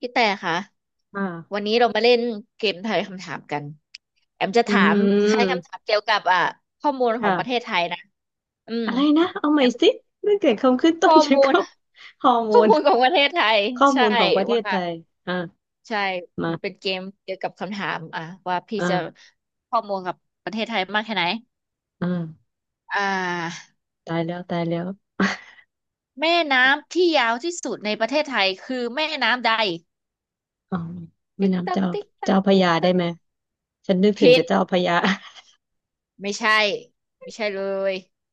พี่แต่คะวันอ่านี้เรามาเล่นเกมทายคำถามกันแอมจะอืถามคล้ายคำถามมเกี่ยวกับข้อมูลของประเทศค่ะไทยนะอืมอะไรนะเอาใหแอม่มสิเรื่องเกี่ยวกับคำขึ้นต้ข้อนชื่อมูล เขาฮอร์ โมข้อนมูลของประเทศไทยข้อใช่มูลของประเทว่าศไทยอ่าใช่มันเป็นมาเกมเกี่ยวกับคำถามว่าพี่อ่าจะข้อมูลกับประเทศไทยมากแค่ไหนอ่าอ่าตายแล้วตายแล้วแม่น้ำที่ยาวที่สุดในประเทศไทยคือแม่น้ำใดอ๋อแม่ติ๊กน้ำตักเจ้าติ๊กตักเจ้าพระติ๊กยาได้ตักไหม ฉันนึกถึงผิแต่ด เจ้าพระยา ไม่ใช่ไม่ใช่เลย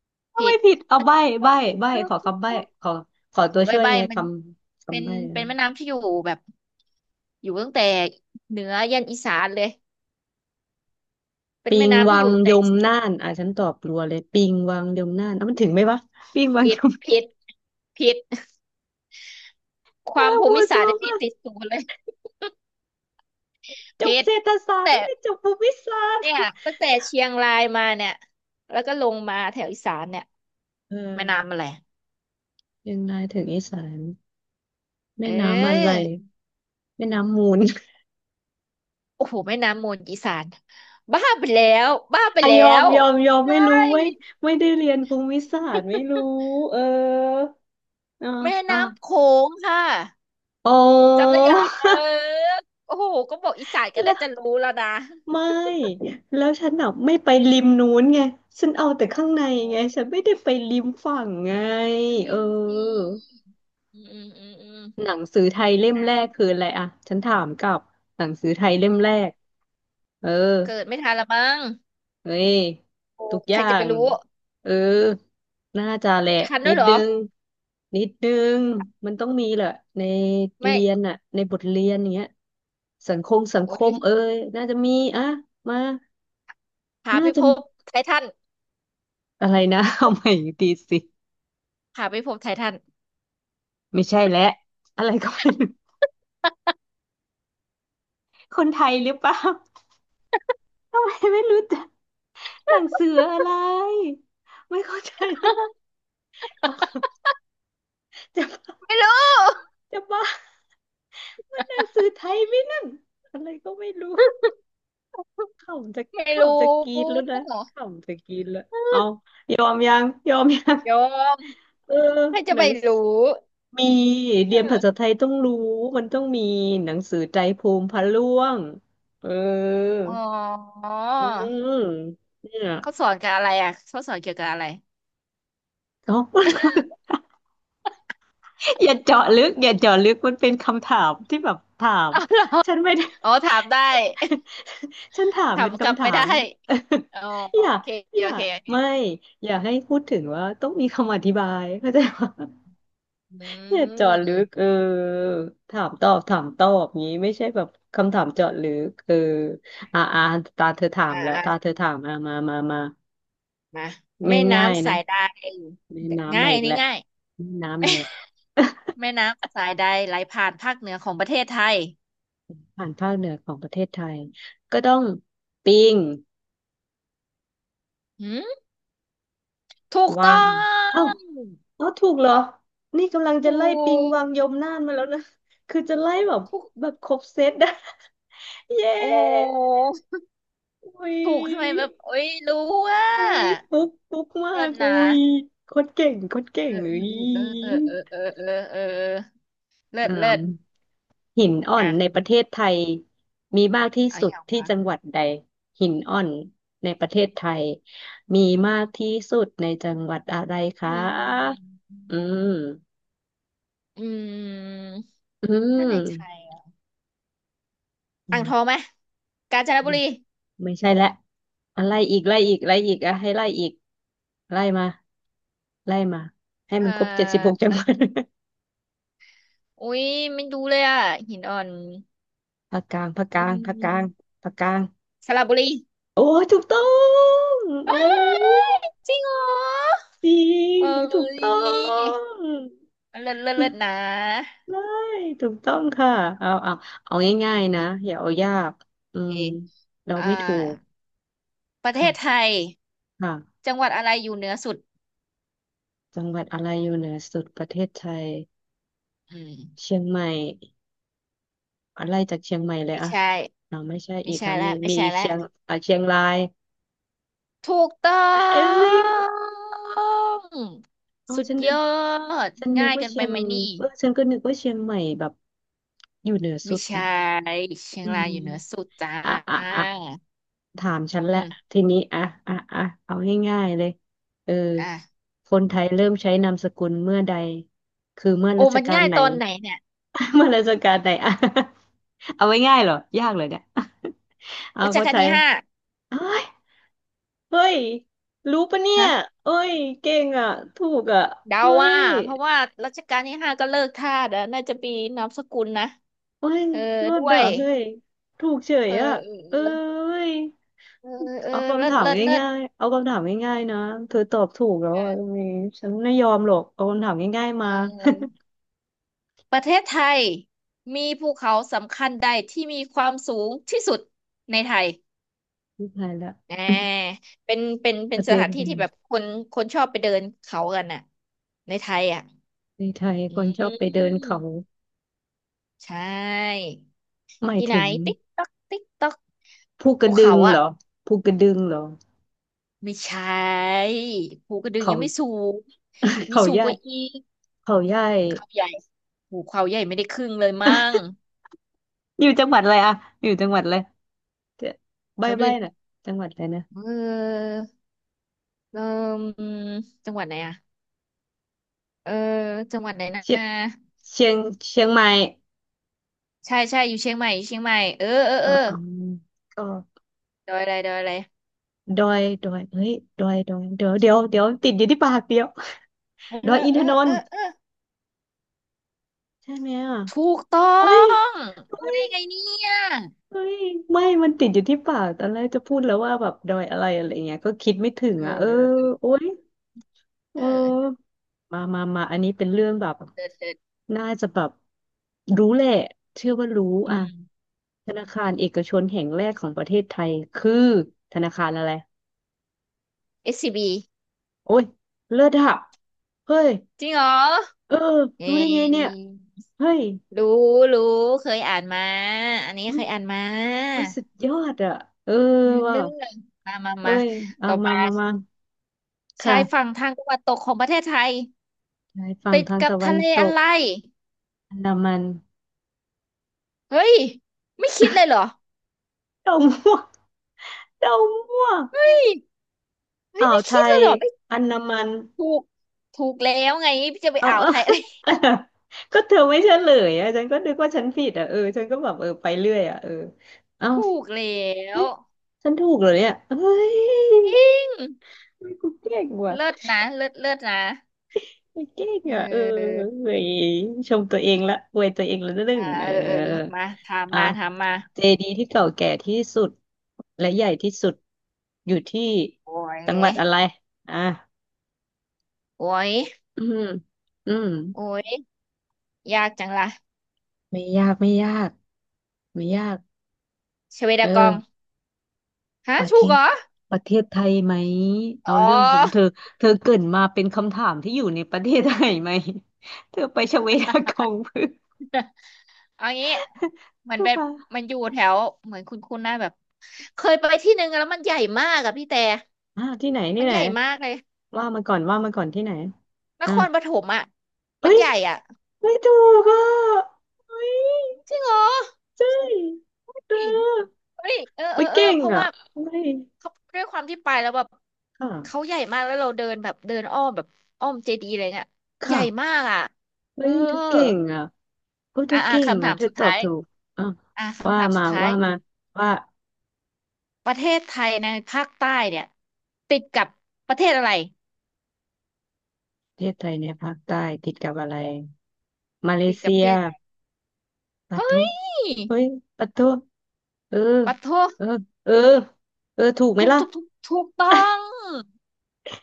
ทำผิไมดผิดเอาอะใบ้ติ๊กต๊อใบ้กติ๊กใบ้ต๊อขกอติ๊กคำใบ้ต๊อกขอขอขตัอวใบช่วยใบไงคมันำเป็คำนใบ้อะเป็นแม่น้ำที่อยู่แบบอยู่ตั้งแต่เหนือยันอีสานเลยเป็นปิแม่งน้ำวัที่องยู่ตั้งยแต่มน่านอ่ะฉันตอบรัวเลยปิงวังยมน่านเอามันถึงไหมวะปิงวังผิยดม ผิดผิด คเออวามภูบัวมิซัศาสตวร์ที่มาก ติดศูนย์เลยจผิบดเศรษฐศาสตร์แต่ไม่ได้จบภูมิศาสตเนี่ร์ยตั้งแต่เชียงรายมาเนี่ยแล้วก็ลงมาแถวอีสานเนี่ยเออแม่น้ำอะไรยังไงถึงอีสานเอแม่น้ำอะไรอ แม่น้ำมูล โอ้โหแม่น้ำมูลอีสานบ้าไปแล้วบ้าไปอะแล้ยอมวยอมยอมใช่ไม่รู้ไว้ยไม่ได้เรียนภูมิศาสตร์ไม่รู้เอออ่าแม่อ่าน้ำโขงค่ะอ๋อ จำได้ยังเออ โอ้โหก็บอกอีสานก็แล้ได้วจะรู้แล้วนะไม่แล้วฉันอ่ะไม่ไปริมนู้นไงฉันเอาแต่ข้างในไงเอาฉันไม่ได้ไปริมฝั่งไงลืเอมทีออืมอืมอืมอืมหนังสือไทยเล่มแรกอ่ะคืออะไรอะฉันถามกลับหนังสือไทยเล่มแรเอากเออ เกิดไม่ทันละมั้งเฮ้ยโอ้ทุกอใครย่าจะไปงรู้เออน่าจะแหละทันด้นิวยดเหรอนึงนิดนึงมันต้องมีแหละในไม่เรียนอะในบทเรียนอย่างเงี้ยสังคมสังคโอ้มยเอ้ยน่าจะมีอะมาหาน่าพิจะภพไททันอะไรนะ เอาใหม่อีกทีสิหาพิภพไททัน ไม่ใช่แล้วอะไรก็ไม่รู้คนไทยหรือเปล่าทำไมไม่รู้จักหนังสืออะไรไม่เข้าใจ จะ ไม่รู้จะบ้า มันหนังสือไทยไหมนั่นอะไรก็ไม่รู้ขำจะไม่ขำจะรู้กรีดแล้วนะขำจะกรีดแล้วเอายอมยังยอมยังยอมเออใครจะหนัไปงสรู้ มีเอเรียนภาษาไทอยต้องรู้มันต้องมีหนังสือใจภูมิพระร่วงเอออ๋ออืมเนี่ยเขาสอนกับอะไรเขาสอนเกี่ยวกับอะไรเอ้า อย่าเจาะลึกอย่าเจาะลึกมันเป็นคำถามที่แบบถามอ๋อเหรอฉันไม่ได้ อ๋อถามได้ ฉันถามถาเป็มนกลับคำถาไม่ได้ม อ๋อ โออย่าเคอโอย่าเคโอเคไม่อย่าให้พูดถึงว่าต้องมีคำอธิบาย เข้าใจปะ อือย่าเจาะลึกเอมอถามตอบถามตอบงี้ไม่ใช่แบบคำถามเจาะลึกเอออ่าอ่าตาเธอถามอ่าแล้วตาเธอถามอ่ามามามามาแม่ง่ายน้ำๆนะสายใดแม่น้ำง่ามายอีอักนนี้แล้วง่ายแม่น้ำมาแล้ว แม่น้ำสายใดไหลผ่านภาคเหนือของประเทศไทย ผ่านภาคเหนือของประเทศไทย ก็ต้องปิงหืมถูกวาต้องเอ้า งอ๋อถูกเหรอนี่กำลังจะถูไล่ปิงกวังยมน่านมาแล้วนะ คือจะไล่แบบถูกแบบครบเซตนะ เย้โอ้โหอุ้ยถูกทำไมแบบโอ้ยรู้ว่าอุ้ยฟุกฟุกมาเลิศกอุ้นะ ยโคตรเก่งโคตรเก่เองออุ้ยเออเออเออเออเออเออเออเลิศอ่าเลิศหินอ่อนอ่ะในประเทศไทยมีมากที่เอาสุอดย่างที่วะจังหวัดใดหินอ่อนในประเทศไทยมีมากที่สุดในจังหวัดอะไรคอืะ มอืมอืมอืถ้าในไทยม อ่างทองไหมกาญจนบุรีไม่ใช่และอะไรอีกไล่อีกไล่อีกอะให้ไล่อีกไล่มาไล่มาให้มัเอ่นครบเจ็ดสิบหอกจังหวัด อุ้ยไม่ดูเลยหินอ่อน ภาคกลางภาคกอืลางภาคกลางมภาคกลางสระบุรีโอ้ยถูกต้องเอ้โอ้ยจริงเหรอจริเอ้งถูกต้อยงเลิศเลิศเลิศนะได้ถูกต้องค่ะเอาเอาเอาง่าอืยๆนะมอย่าเอายากอืโอเคมเราอ่าไม่ถูกประเทศไทค่ะยค่ะจังหวัดอะไรอยู่เหนือสุดจังหวัดอะไรอยู่เหนือสุดประเทศไทยอืมเชียงใหม่ อะไล่จากเชียงใหม่เลยไม่อะใช่ เ่าไม่ใช่ไม่อีกใช่ค่ะแล้วมีไม่มีใช่อีกแล้วเชียงอ่ะเชียงรายถูกต้ออ่ะเอ้ยงอ๋อสุดฉันนึยกอดฉันนึง่ากยว่าเกินเชีไปยงไหมนี่เออฉันก็นึกว่าเชียงใหม่แบบอยู่เหนือสุไม่ดนะใช่เชียงอืรายอยู่เหนือสุมดจ้าอ่ะถามฉันแหอืละมทีนี้อ่ะอ่ะเอาง่ายๆเลยเอออ่ะคนไทยเริ่มใช้นามสกุลเมื่อใดคือเมื่อโอ้รัชมันกาลง่ายไหน ตอนไหนเนี่ย เมื่อรัชกาลไหนอ่ะเอาไว้ง่ายเหรอยากเลยเนี่ยเอารัชคนกาลไทยที่ห้าเอ้ย เฮ้ยรู้ปะเนี่ยฮะเอ้ยเก่งอ่ะ ถูกอ่ะเดาเฮ้ว่ายเพราะว่ารัชกาลที่ห้าก็เลิกทาสอะน่าจะปีนามสกุลนะเอ้ยเออรอด้ดวอ่ะยเฮ้ยถูกเฉยเอออ่ะเอเอ้อยเออเออเออเอาเลิคำศถามเลิศเลิศง่ายๆ เอาคำถามง่ายๆนะเธอตอบถูกแล้วอ่ะตรงเออนี้ฉันไม่ยอมหรอกเอาคำถามง่ายเๆมา ออ ประเทศไทยมีภูเขาสำคัญใดที่มีความสูงที่สุดในไทย ไม่ทายละ อ่ เป็นเป็นปเป็นระสเด็นถานเลที่ที่ยแบบคนชอบไปเดินเขากันน่ะในไทยในไทยอืคนชอบไปเดินเขามใช่หมายที่ไหนถึงติ๊กต๊อกติ๊กต๊อกภูกภูระดึเขางเหรอภูกระดึงเหรอไม่ใช่ภูกระดึงเขายังไม่สูงมีเขาสูใหงญ่กว่าอีกเขาใหญ่เขาใหญ่ภูเขาใหญ่ไม่ได้ครึ่งเลยมั้งอยู่จังหวัดอะไรอะอยู่จังหวัดอะไร เดี๋ยวแถใบ้วเดิใบ้นน่ะจังหวัดอะไรนะเออเออจังหวัดไหนอะ เออจังหวัดไหนนะเชียงเชียงเชียงใหม่ใช่ใช่อยู่เชียงใหม่อยู่เชียงใหม่เออเออเอเออออืมก็ดอยอะไรดอยอะไรดอยดอยเฮ้ยดอยดอยเดี๋ยวเดี๋ยวเดี๋ยวติดอยู่ที่ปากเดียว เอ ดอยออินเอทอนนเออท์เออใช่ไหมอ่ะถูกต้อเฮ้ยงเฮ้รู้ได้ยไงเนี่ยเฮ้ยไม่มันติดอยู่ที่ปากตอนแรกจะพูดแล้วว่าแบบดอยอะไรอะไรเงี้ยก็คิดไม่ถึงเอออ่ะเออเออโอ๊ย เอเอออมามามาอันนี้เป็นเรื่องแบบเลิศเลิศน่าจะแบบรู้แหละเชื่อว่ารู้อือ่ะม ธนาคารเอกชนแห่งแรกของประเทศไทยคือธนาคารอะไร SCB โอ้ยเลิศอะเฮ้ยจริงเหรอเออเอ้รู้ได้ไงเนี่ยยเฮ้ยรู้รู้เคยอ่านมาอันนี้อุ้เคยยอ่านมาอุ้ยสุดยอดอะเอออืมมว่ะามาเอ้มายอ่ะต่อมามามามาชายค่ะฝั่งทางตะวันตกของประเทศไทยชายฝั่งติดทางกับตะวัทะนเลตอะกไรอันดามันเฮ้ยไม่คิดเลยเหรอ ดาวม่วงดาวม่วงเฮ้อ่ายวไม่ไทคิดเลยยเหรอไม่อันดามัน ถูกถูกแล้วไงจะไปเอา อ่า วเอา ไทยอะไร ก็เธอไม่เฉลยอะฉันก็นึกว่าฉันผิดอ่ะเออฉันก็แบบเออไปเรื่อยอ่ะเออเอ้า ถูกแล้เฮ้วยฉันถูกเหรอเนี่ยเฮ้ยอืมเฮ้ยกูเก่งว่ะเลิศนะเลิศเลิศนะกูเก่งเอ่ะเออออเฮ้ยชมตัวเองละอวยตัวเองละนิดหนึ่อ่างเอเอออเออมาถามอ่ะมาถามมาเจดีย์ที่เก่าแก่ที่สุดและใหญ่ที่สุดอยู่ที่โอ้ยจังหวัดอะไรอ่ะโอ้ยอืมอืมโอ้ยยากจังล่ะไม่ยากไม่ยากไม่ยากชเวเอดากออ งฮะประเทถูกเหศรอประเทศไทยไหมอ๋เอาเรื่องผมเธออเธอเกรินมาเป็นคำถามที่อยู่ในประเทศไทยไหม เธอไปชเวดากองเพื่อเอางี้มัเธนอเป็นมามันอยู่แถวเหมือนคุณหน้าแบบเคยไปที่หนึ่งแล้วมันใหญ่มากอะพี่แต่อ่าที่ไหนที่มันไหนใหญ่มากเลยว่ามาก่อนว่ามาก่อนที่ไหนนอ่าครปฐมอะเอ้มันยใหญ่อะไม่ถูกอ่ะเฮ้ยจริงเหรอ ใช่เธเฮ้ยอเฮ้ยเออเอเฮ้อยเออเก่งเพราะอ่ะว่าเฮ้ยเขาด้วยความที่ไปแล้วแบบค่ะเขาใหญ่มากแล้วเราเดินแบบเดินอ้อมแบบอ้อมเจดีย์อะไรเงี่ยใหญ่ค่ะมากเอเฮ้อยเธอเก่งอ่ะเฮ้ยเธอ่าออ่าเก่งคำถาอ่ะมเธอสุดตอท้าบยถูกอ่ะอ่าว่าคำถามสุมาดท้าว่ายมาว่า ประเทศไทยในภาคใต้เนี่ยติดกับประเทศอะไรประเทศไทยในยภาคใต้ติดกับอะไรมาเลติดกับเซีประยเทศอะไรปะทุเฮ้ยเฮ้ยปะทุเออปะโทเออเออเออถูกไหมถูกล่ะถูกถูกถูกต้อง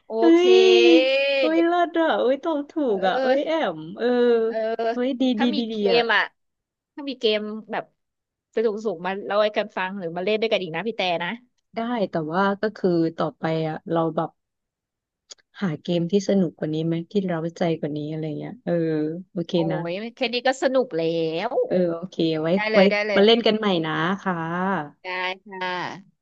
โอเฮ้เคยเฮ้ยเลิศอ่ะเฮ้ยตอบถูเออกอ่ะเออ เฮ้ยแอมเออเออ เฮ้ยดีดีถ้ามีดีดีเกอ่ะมถ้ามีเกมแบบสนุกๆมาเล่าให้กันฟังหรือมาเล่นด้วยกันอีกนะพี่แต่นะได้แต่ว่าก็คือต่อไปอ่ะเราแบบหาเกอืมมที่สนุกกว่านี้ไหมที่เราใจกว่านี้อะไรเงี้ยเออโอเคโอ้นะยแค่นี้ก็สนุกแล้ว เออโอเคไว้ได้เลไว้ยได้เลยมาเล่นกันใหม่นะคะได้ค่ะ